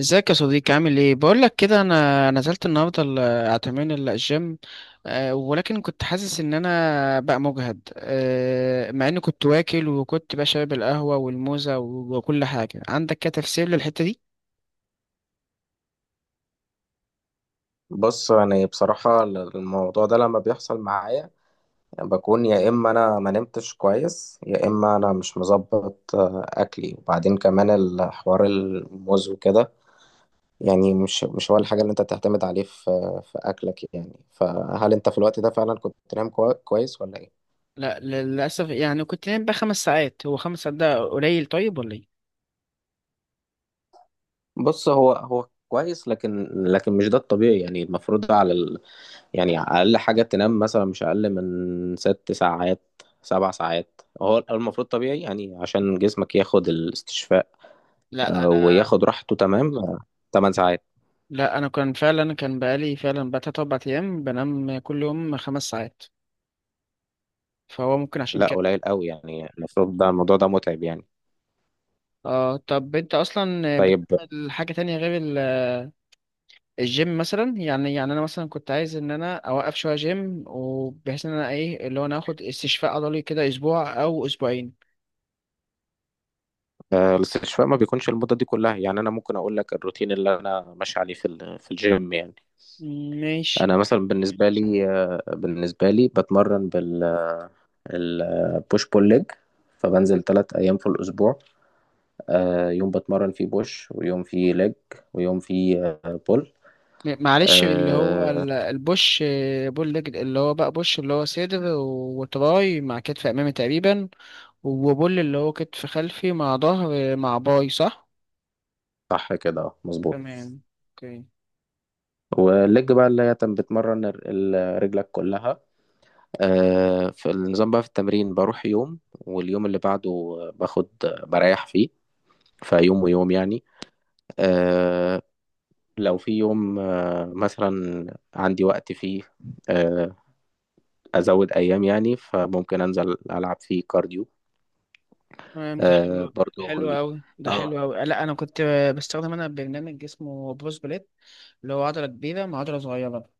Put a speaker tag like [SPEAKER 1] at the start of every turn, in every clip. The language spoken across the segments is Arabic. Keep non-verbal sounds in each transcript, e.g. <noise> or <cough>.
[SPEAKER 1] ازيك يا صديقي، عامل ايه؟ بقول لك كده، انا نزلت النهارده اعتمين الجيم. ولكن كنت حاسس ان انا بقى مجهد، مع اني كنت واكل وكنت بقى شارب القهوه والموزه وكل حاجه. عندك كده تفسير للحته دي؟
[SPEAKER 2] بص، يعني بصراحة الموضوع ده لما بيحصل معايا يعني بكون يا إما أنا ما نمتش كويس، يا إما أنا مش مظبط أكلي، وبعدين كمان الحوار الموز وكده. يعني مش هو الحاجة اللي أنت تعتمد عليه في أكلك. يعني فهل أنت في الوقت ده فعلا كنت نايم كويس ولا إيه؟
[SPEAKER 1] لا للاسف، يعني كنت نايم بقى خمس ساعات. هو خمس ساعات ده قليل طيب ولا ايه؟
[SPEAKER 2] بص، هو كويس، لكن مش ده الطبيعي. يعني المفروض على يعني اقل حاجه تنام مثلا مش اقل من ست ساعات. سبع ساعات هو المفروض طبيعي، يعني عشان جسمك ياخد الاستشفاء
[SPEAKER 1] لا انا
[SPEAKER 2] وياخد راحته. تمام. تمن ساعات.
[SPEAKER 1] لا انا كان فعلا، كان بقالي فعلا بقى تلات اربع ايام بنام كل يوم خمس ساعات، فهو ممكن عشان
[SPEAKER 2] لا
[SPEAKER 1] كده.
[SPEAKER 2] قليل قوي، يعني المفروض ده الموضوع ده متعب يعني.
[SPEAKER 1] اه، طب انت اصلا
[SPEAKER 2] طيب،
[SPEAKER 1] حاجة تانية غير الجيم مثلا؟ يعني انا مثلا كنت عايز ان انا اوقف شويه جيم، وبحيث ان انا ايه اللي هو انا اخد استشفاء عضلي كده اسبوع او اسبوعين.
[SPEAKER 2] الاستشفاء ما بيكونش المدة دي كلها. يعني أنا ممكن أقول لك الروتين اللي أنا ماشي عليه في في الجيم يعني.
[SPEAKER 1] ماشي.
[SPEAKER 2] أنا مثلا بالنسبة لي بتمرن بالبوش بول ليج، فبنزل ثلاث أيام في الأسبوع. يوم بتمرن فيه بوش، ويوم فيه ليج، ويوم فيه بول.
[SPEAKER 1] معلش، اللي هو
[SPEAKER 2] آه،
[SPEAKER 1] البوش بول ليج، اللي هو بقى بوش اللي هو صدر وتراي مع كتف امامي تقريبا، وبول اللي هو كتف خلفي مع ظهر مع باي، صح؟
[SPEAKER 2] صح كده، مظبوط.
[SPEAKER 1] تمام. اوكي.
[SPEAKER 2] والليج بقى اللي هي بتمرن رجلك كلها. في النظام بقى، في التمرين بروح يوم واليوم اللي بعده باخد، بريح فيه، فيوم ويوم يعني. آه، لو في يوم مثلا عندي وقت فيه آه، أزود أيام، يعني فممكن أنزل ألعب فيه كارديو
[SPEAKER 1] تمام، ده حلو،
[SPEAKER 2] برضو
[SPEAKER 1] حلو قوي، ده
[SPEAKER 2] اه.
[SPEAKER 1] حلو قوي. لا انا كنت بستخدم انا برنامج اسمه بروس بليت، اللي هو عضلة كبيرة مع عضلة صغيرة.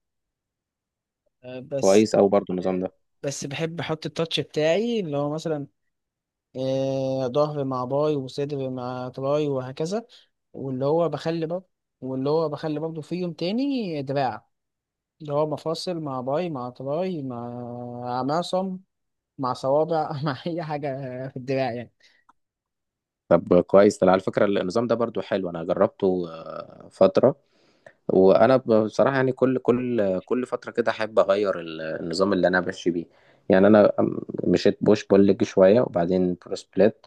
[SPEAKER 1] آه، بس
[SPEAKER 2] كويس أوي برضو النظام
[SPEAKER 1] آه،
[SPEAKER 2] ده.
[SPEAKER 1] بس بحب احط التاتش بتاعي، اللي هو مثلا ظهر مع باي، وصدر مع تراي، وهكذا. واللي هو بخلي برضه واللي هو بخلي برضه في يوم تاني دراع، اللي هو مفاصل مع باي مع تراي مع معصم مع صوابع <laughs> مع اي حاجة في الدراع يعني.
[SPEAKER 2] طب كويس، ده على فكرة النظام ده برضو حلو، أنا جربته فترة. وأنا بصراحة يعني كل فترة كده أحب أغير النظام اللي أنا ماشي بيه. يعني أنا مشيت بوش بول ليج شوية، وبعدين برو سبليت.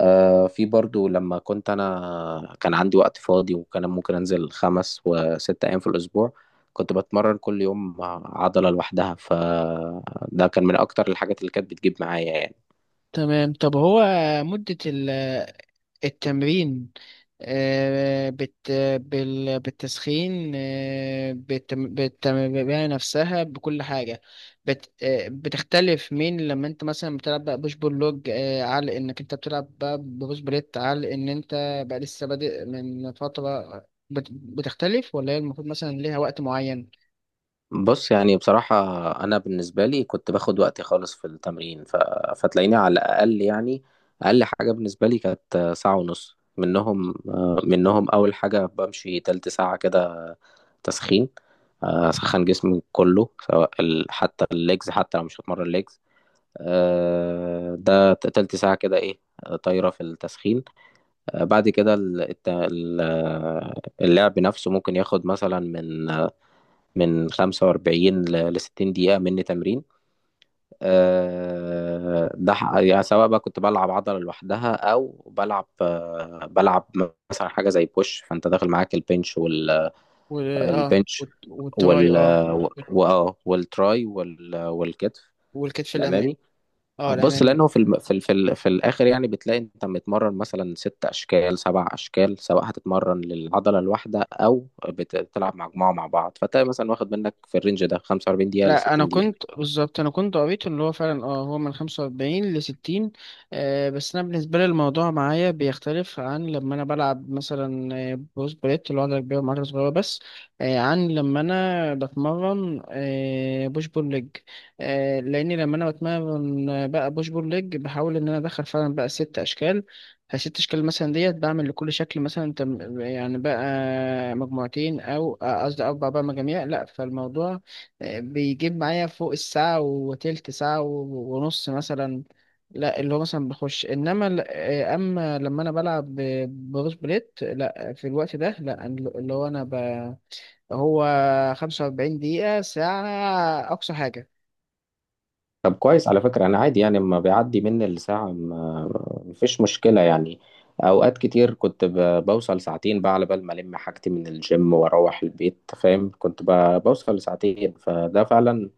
[SPEAKER 2] آه، في برضو لما كنت أنا كان عندي وقت فاضي، وكان ممكن أنزل خمس وست أيام في الأسبوع كنت بتمرن كل يوم عضلة لوحدها، فده كان من أكتر الحاجات اللي كانت بتجيب معايا يعني.
[SPEAKER 1] تمام. طب هو مدة التمرين، آه، بت بالتسخين، بالتمرين نفسها، بكل حاجة، بت آه، بتختلف من لما انت مثلا بتلعب بقى بوش بول لوج، على انك انت بتلعب بقى بوش بليت، على ان انت بقى لسه بادئ من فترة؟ بتختلف ولا هي المفروض مثلا ليها وقت معين؟
[SPEAKER 2] بص، يعني بصراحة أنا بالنسبة لي كنت باخد وقتي خالص في التمرين، فتلاقيني على الأقل يعني، أقل حاجة بالنسبة لي كانت ساعة ونص. منهم أول حاجة بمشي تلت ساعة كده تسخين. أسخن جسمي كله، حتى الليجز حتى لو مش هتمرن ليجز. ده تلت ساعة كده إيه، طايرة في التسخين. بعد كده اللعب نفسه ممكن ياخد مثلا من 45 ل 60 دقيقة مني تمرين. ده يعني سواء بقى كنت بلعب عضلة لوحدها أو بلعب مثلا حاجة زي بوش، فأنت داخل معاك البنش والبنش وال البنش
[SPEAKER 1] والتراي،
[SPEAKER 2] وال-
[SPEAKER 1] اه.
[SPEAKER 2] و- وآه، والتراي وال- والكتف
[SPEAKER 1] والكتف الأمامي.
[SPEAKER 2] الأمامي.
[SPEAKER 1] اه،
[SPEAKER 2] بص،
[SPEAKER 1] الأمامي.
[SPEAKER 2] لانه في الم... في ال... في, ال... في الاخر يعني بتلاقي انت متمرن مثلا ست اشكال سبع اشكال، سواء هتتمرن للعضله الواحده او بتلعب مجموعه مع بعض. فتلاقي مثلا واخد منك في الرينج ده 45 دقيقه ل
[SPEAKER 1] لا انا
[SPEAKER 2] 60 دقيقه.
[SPEAKER 1] كنت بالظبط، انا كنت قريت ان هو فعلا اه، هو من 45 ل 60. آه، بس انا بالنسبه لي الموضوع معايا بيختلف عن لما انا بلعب مثلا، بروس بليت اللي هو عضله كبيره وعضله صغيره بس، آه، عن لما انا بتمرن بوش بول ليج. آه، لاني لما انا بتمرن، بقى بوش بول ليج، بحاول ان انا ادخل فعلا بقى ست اشكال. فست اشكال مثلا ديت بعمل لكل شكل مثلا يعني بقى مجموعتين او قصدي اربع بقى مجاميع، لا فالموضوع بيجيب معايا فوق الساعة وتلت ساعة ونص مثلا. لا اللي هو مثلا بخش، انما اما لما انا بلعب بروس بليت، لا في الوقت ده لا، اللي هو انا هو 45 دقيقة، ساعة اقصى حاجة.
[SPEAKER 2] طب كويس، على فكره انا عادي يعني لما بيعدي مني الساعه ما... مفيش مشكله يعني. اوقات كتير كنت بوصل ساعتين بقى على بال ما الم حاجتي من الجيم واروح البيت، فاهم؟ كنت بوصل لساعتين، فده فعلا.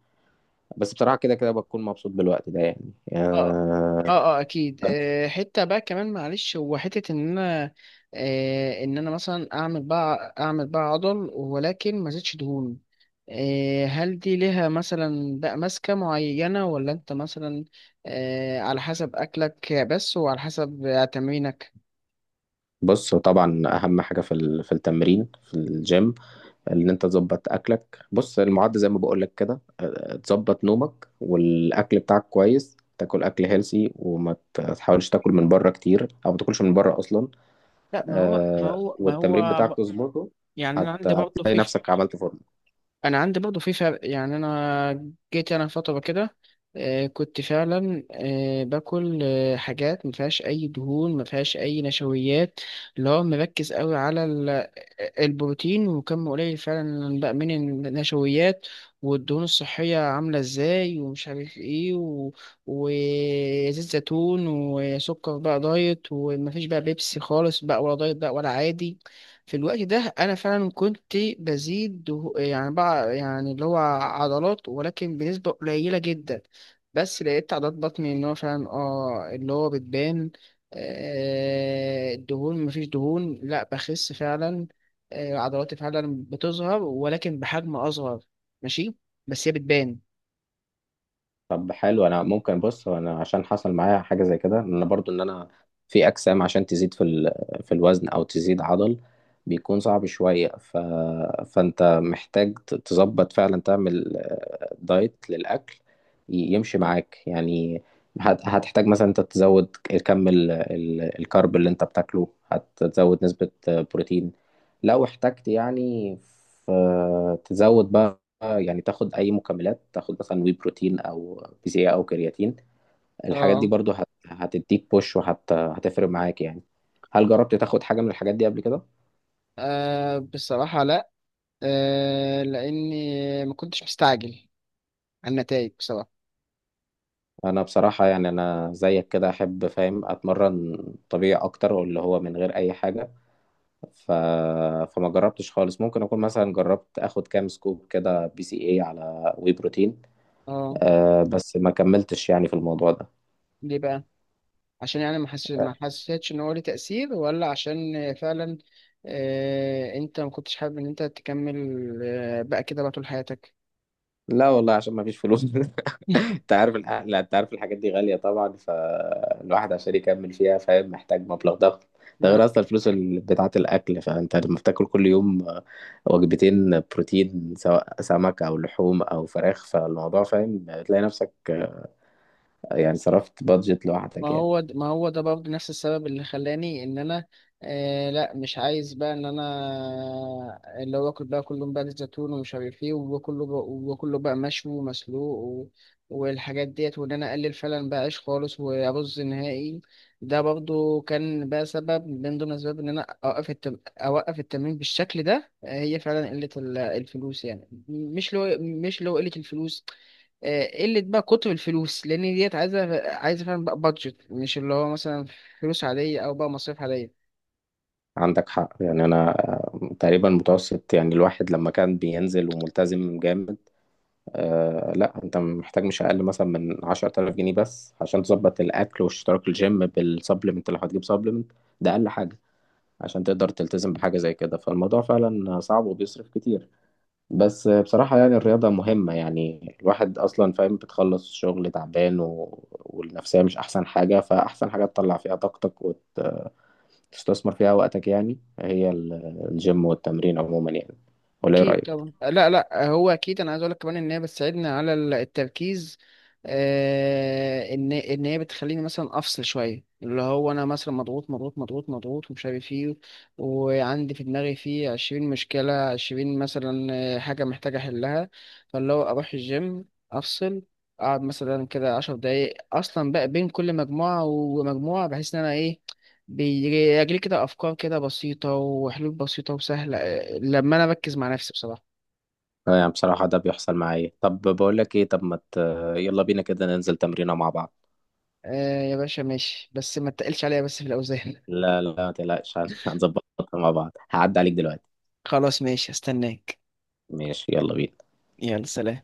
[SPEAKER 2] بس بصراحه كده كده بكون مبسوط بالوقت ده يعني
[SPEAKER 1] اه
[SPEAKER 2] آه،
[SPEAKER 1] اه اه اكيد. آه، حته بقى كمان معلش، هو حته ان انا، ان انا مثلا اعمل بقى، اعمل بقى عضل ولكن ما زيدش دهون، آه، هل دي ليها مثلا بقى ماسكه معينه، ولا انت مثلا على حسب اكلك بس وعلى حسب تمرينك؟
[SPEAKER 2] بص، هو طبعا اهم حاجه في في التمرين في الجيم ان انت تظبط اكلك. بص، المعد زي ما بقول لك كده، أه، تظبط نومك والاكل بتاعك كويس، تاكل اكل هيلسي، وما تحاولش تاكل من بره كتير، او ما تاكلش من بره اصلا.
[SPEAKER 1] لا ما هو ما
[SPEAKER 2] أه،
[SPEAKER 1] هو ما
[SPEAKER 2] والتمرين
[SPEAKER 1] هو
[SPEAKER 2] بتاعك تظبطه،
[SPEAKER 1] يعني انا عندي برضه
[SPEAKER 2] هتلاقي
[SPEAKER 1] في،
[SPEAKER 2] نفسك عملت فورمه.
[SPEAKER 1] انا عندي برضه في فرق. يعني انا جيت انا فتره كده، كنت فعلا باكل حاجات ما فيهاش اي دهون، ما فيهاش اي نشويات، اللي هو مركز قوي على البروتين، وكم قليل فعلا بقى من النشويات والدهون الصحيه، عامله ازاي ومش عارف ايه وزيت زيتون، وسكر بقى دايت، ومفيش بقى بيبسي خالص بقى، ولا دايت بقى ولا عادي. في الوقت ده انا فعلا كنت بزيد يعني بقى يعني اللي هو عضلات، ولكن بنسبة قليلة جدا. بس لقيت عضلات بطني ان هو فعلا اه اللي هو بتبان، آه، الدهون مفيش دهون، لا بخس فعلا، آه، عضلاتي فعلا بتظهر ولكن بحجم اصغر. ماشي، بس هي بتبان.
[SPEAKER 2] طب حلو، انا ممكن بص، هو انا عشان حصل معايا حاجه زي كده، ان انا برضو ان انا في اجسام عشان تزيد في في الوزن او تزيد عضل بيكون صعب شويه. فانت محتاج تظبط فعلا، تعمل دايت للاكل يمشي معاك يعني. هتحتاج مثلا انت تزود كم الكارب اللي انت بتاكله، هتزود نسبه بروتين لو احتجت يعني. ف... تزود بقى يعني تاخد اي مكملات، تاخد مثلا وي بروتين او بي سي او كرياتين. الحاجات دي
[SPEAKER 1] اه.
[SPEAKER 2] برضو هتديك بوش وهتفرق معاك يعني. هل جربت تاخد حاجة من الحاجات دي قبل كده؟
[SPEAKER 1] آه، بصراحة لا، آه، لاني ما كنتش مستعجل على النتائج بصراحة.
[SPEAKER 2] انا بصراحة يعني انا زيك كده احب، فاهم، اتمرن طبيعي اكتر واللي هو من غير اي حاجة، ف... فما جربتش خالص. ممكن اكون مثلا جربت اخد كام سكوب كده بي سي اي على وي بروتين،
[SPEAKER 1] اه،
[SPEAKER 2] أه، بس ما كملتش يعني في الموضوع ده
[SPEAKER 1] ليه بقى؟ عشان يعني
[SPEAKER 2] آه،
[SPEAKER 1] ما حسيتش ان هو ليه تأثير، ولا عشان فعلا آه، انت ما كنتش حابب ان انت تكمل آه بقى كده بقى طول حياتك؟
[SPEAKER 2] لا والله عشان ما فيش فلوس <laughs>
[SPEAKER 1] <laughs>
[SPEAKER 2] انت عارف لا انت عارف الحاجات دي غالية طبعا، فالواحد عشان يكمل فيها، فاهم، محتاج مبلغ ضخم. ده
[SPEAKER 1] ما
[SPEAKER 2] غير اصلا الفلوس بتاعة الاكل. فانت لما بتاكل كل يوم وجبتين بروتين، سواء سمك او لحوم او فراخ، فالموضوع، فاهم، تلاقي نفسك، يعني صرفت بادجت
[SPEAKER 1] ما
[SPEAKER 2] لوحدك يعني.
[SPEAKER 1] هو د- ما هو ده برضه نفس السبب اللي خلاني ان انا، آه، لا مش عايز بقى ان انا، اللي هو اكل بقى كله بقى زيت زيتون ومش عارف ايه، وكله بقى، وكله بقى مشوي ومسلوق والحاجات ديت، وان انا اقلل فعلا بقى عيش خالص وارز نهائي. ده برضه كان بقى سبب من ضمن الاسباب ان انا اوقف التمرين بالشكل ده. آه، هي فعلا قلة الفلوس، يعني مش لو قلة الفلوس، آه، قلة بقى، كتر الفلوس، لأن ديت عايزة فعلا بقى بادجت، مش اللي هو مثلا فلوس عادية أو بقى مصاريف عادية.
[SPEAKER 2] عندك حق، يعني انا تقريبا متوسط يعني الواحد لما كان بينزل وملتزم جامد، آه، لا انت محتاج مش اقل مثلا من 10000 جنيه بس عشان تظبط الاكل واشتراك الجيم بالسبلمنت لو هتجيب سبلمنت. ده اقل حاجه عشان تقدر تلتزم بحاجه زي كده. فالموضوع فعلا صعب وبيصرف كتير. بس، بصراحه يعني الرياضه مهمه، يعني الواحد اصلا، فاهم، بتخلص الشغل تعبان، والنفسيه مش احسن حاجه، فاحسن حاجه تطلع فيها طاقتك وتستثمر فيها وقتك يعني هي الجيم والتمرين عموما يعني. ولا ايه
[SPEAKER 1] اكيد
[SPEAKER 2] رايك؟
[SPEAKER 1] طبعا. لا لا هو اكيد، انا عايز اقول لك كمان ان هي بتساعدني على التركيز، آه، ان هي بتخليني مثلا افصل شويه، اللي هو انا مثلا مضغوط مضغوط ومش عارف ايه، وعندي في دماغي فيه 20 مشكله، 20 مثلا حاجه محتاجه احلها، فاللي هو اروح الجيم، افصل، اقعد مثلا كده 10 دقايق اصلا بقى بين كل مجموعه ومجموعه، بحيث ان انا ايه، بيجيلي كده أفكار كده بسيطة وحلول بسيطة وسهلة، آه، لما أنا بركز مع نفسي بصراحة.
[SPEAKER 2] اه، يعني بصراحة ده بيحصل معايا. طب بقول لك ايه، طب ما ت... يلا بينا كده ننزل تمرينة مع بعض.
[SPEAKER 1] آه يا باشا، ماشي، بس ما تقلش عليا بس في الأوزان.
[SPEAKER 2] لا لا، ما تقلقش، هنظبطها مع بعض. هعدي عليك دلوقتي.
[SPEAKER 1] <laughs> خلاص ماشي، هستناك.
[SPEAKER 2] ماشي، يلا بينا.
[SPEAKER 1] يلا سلام.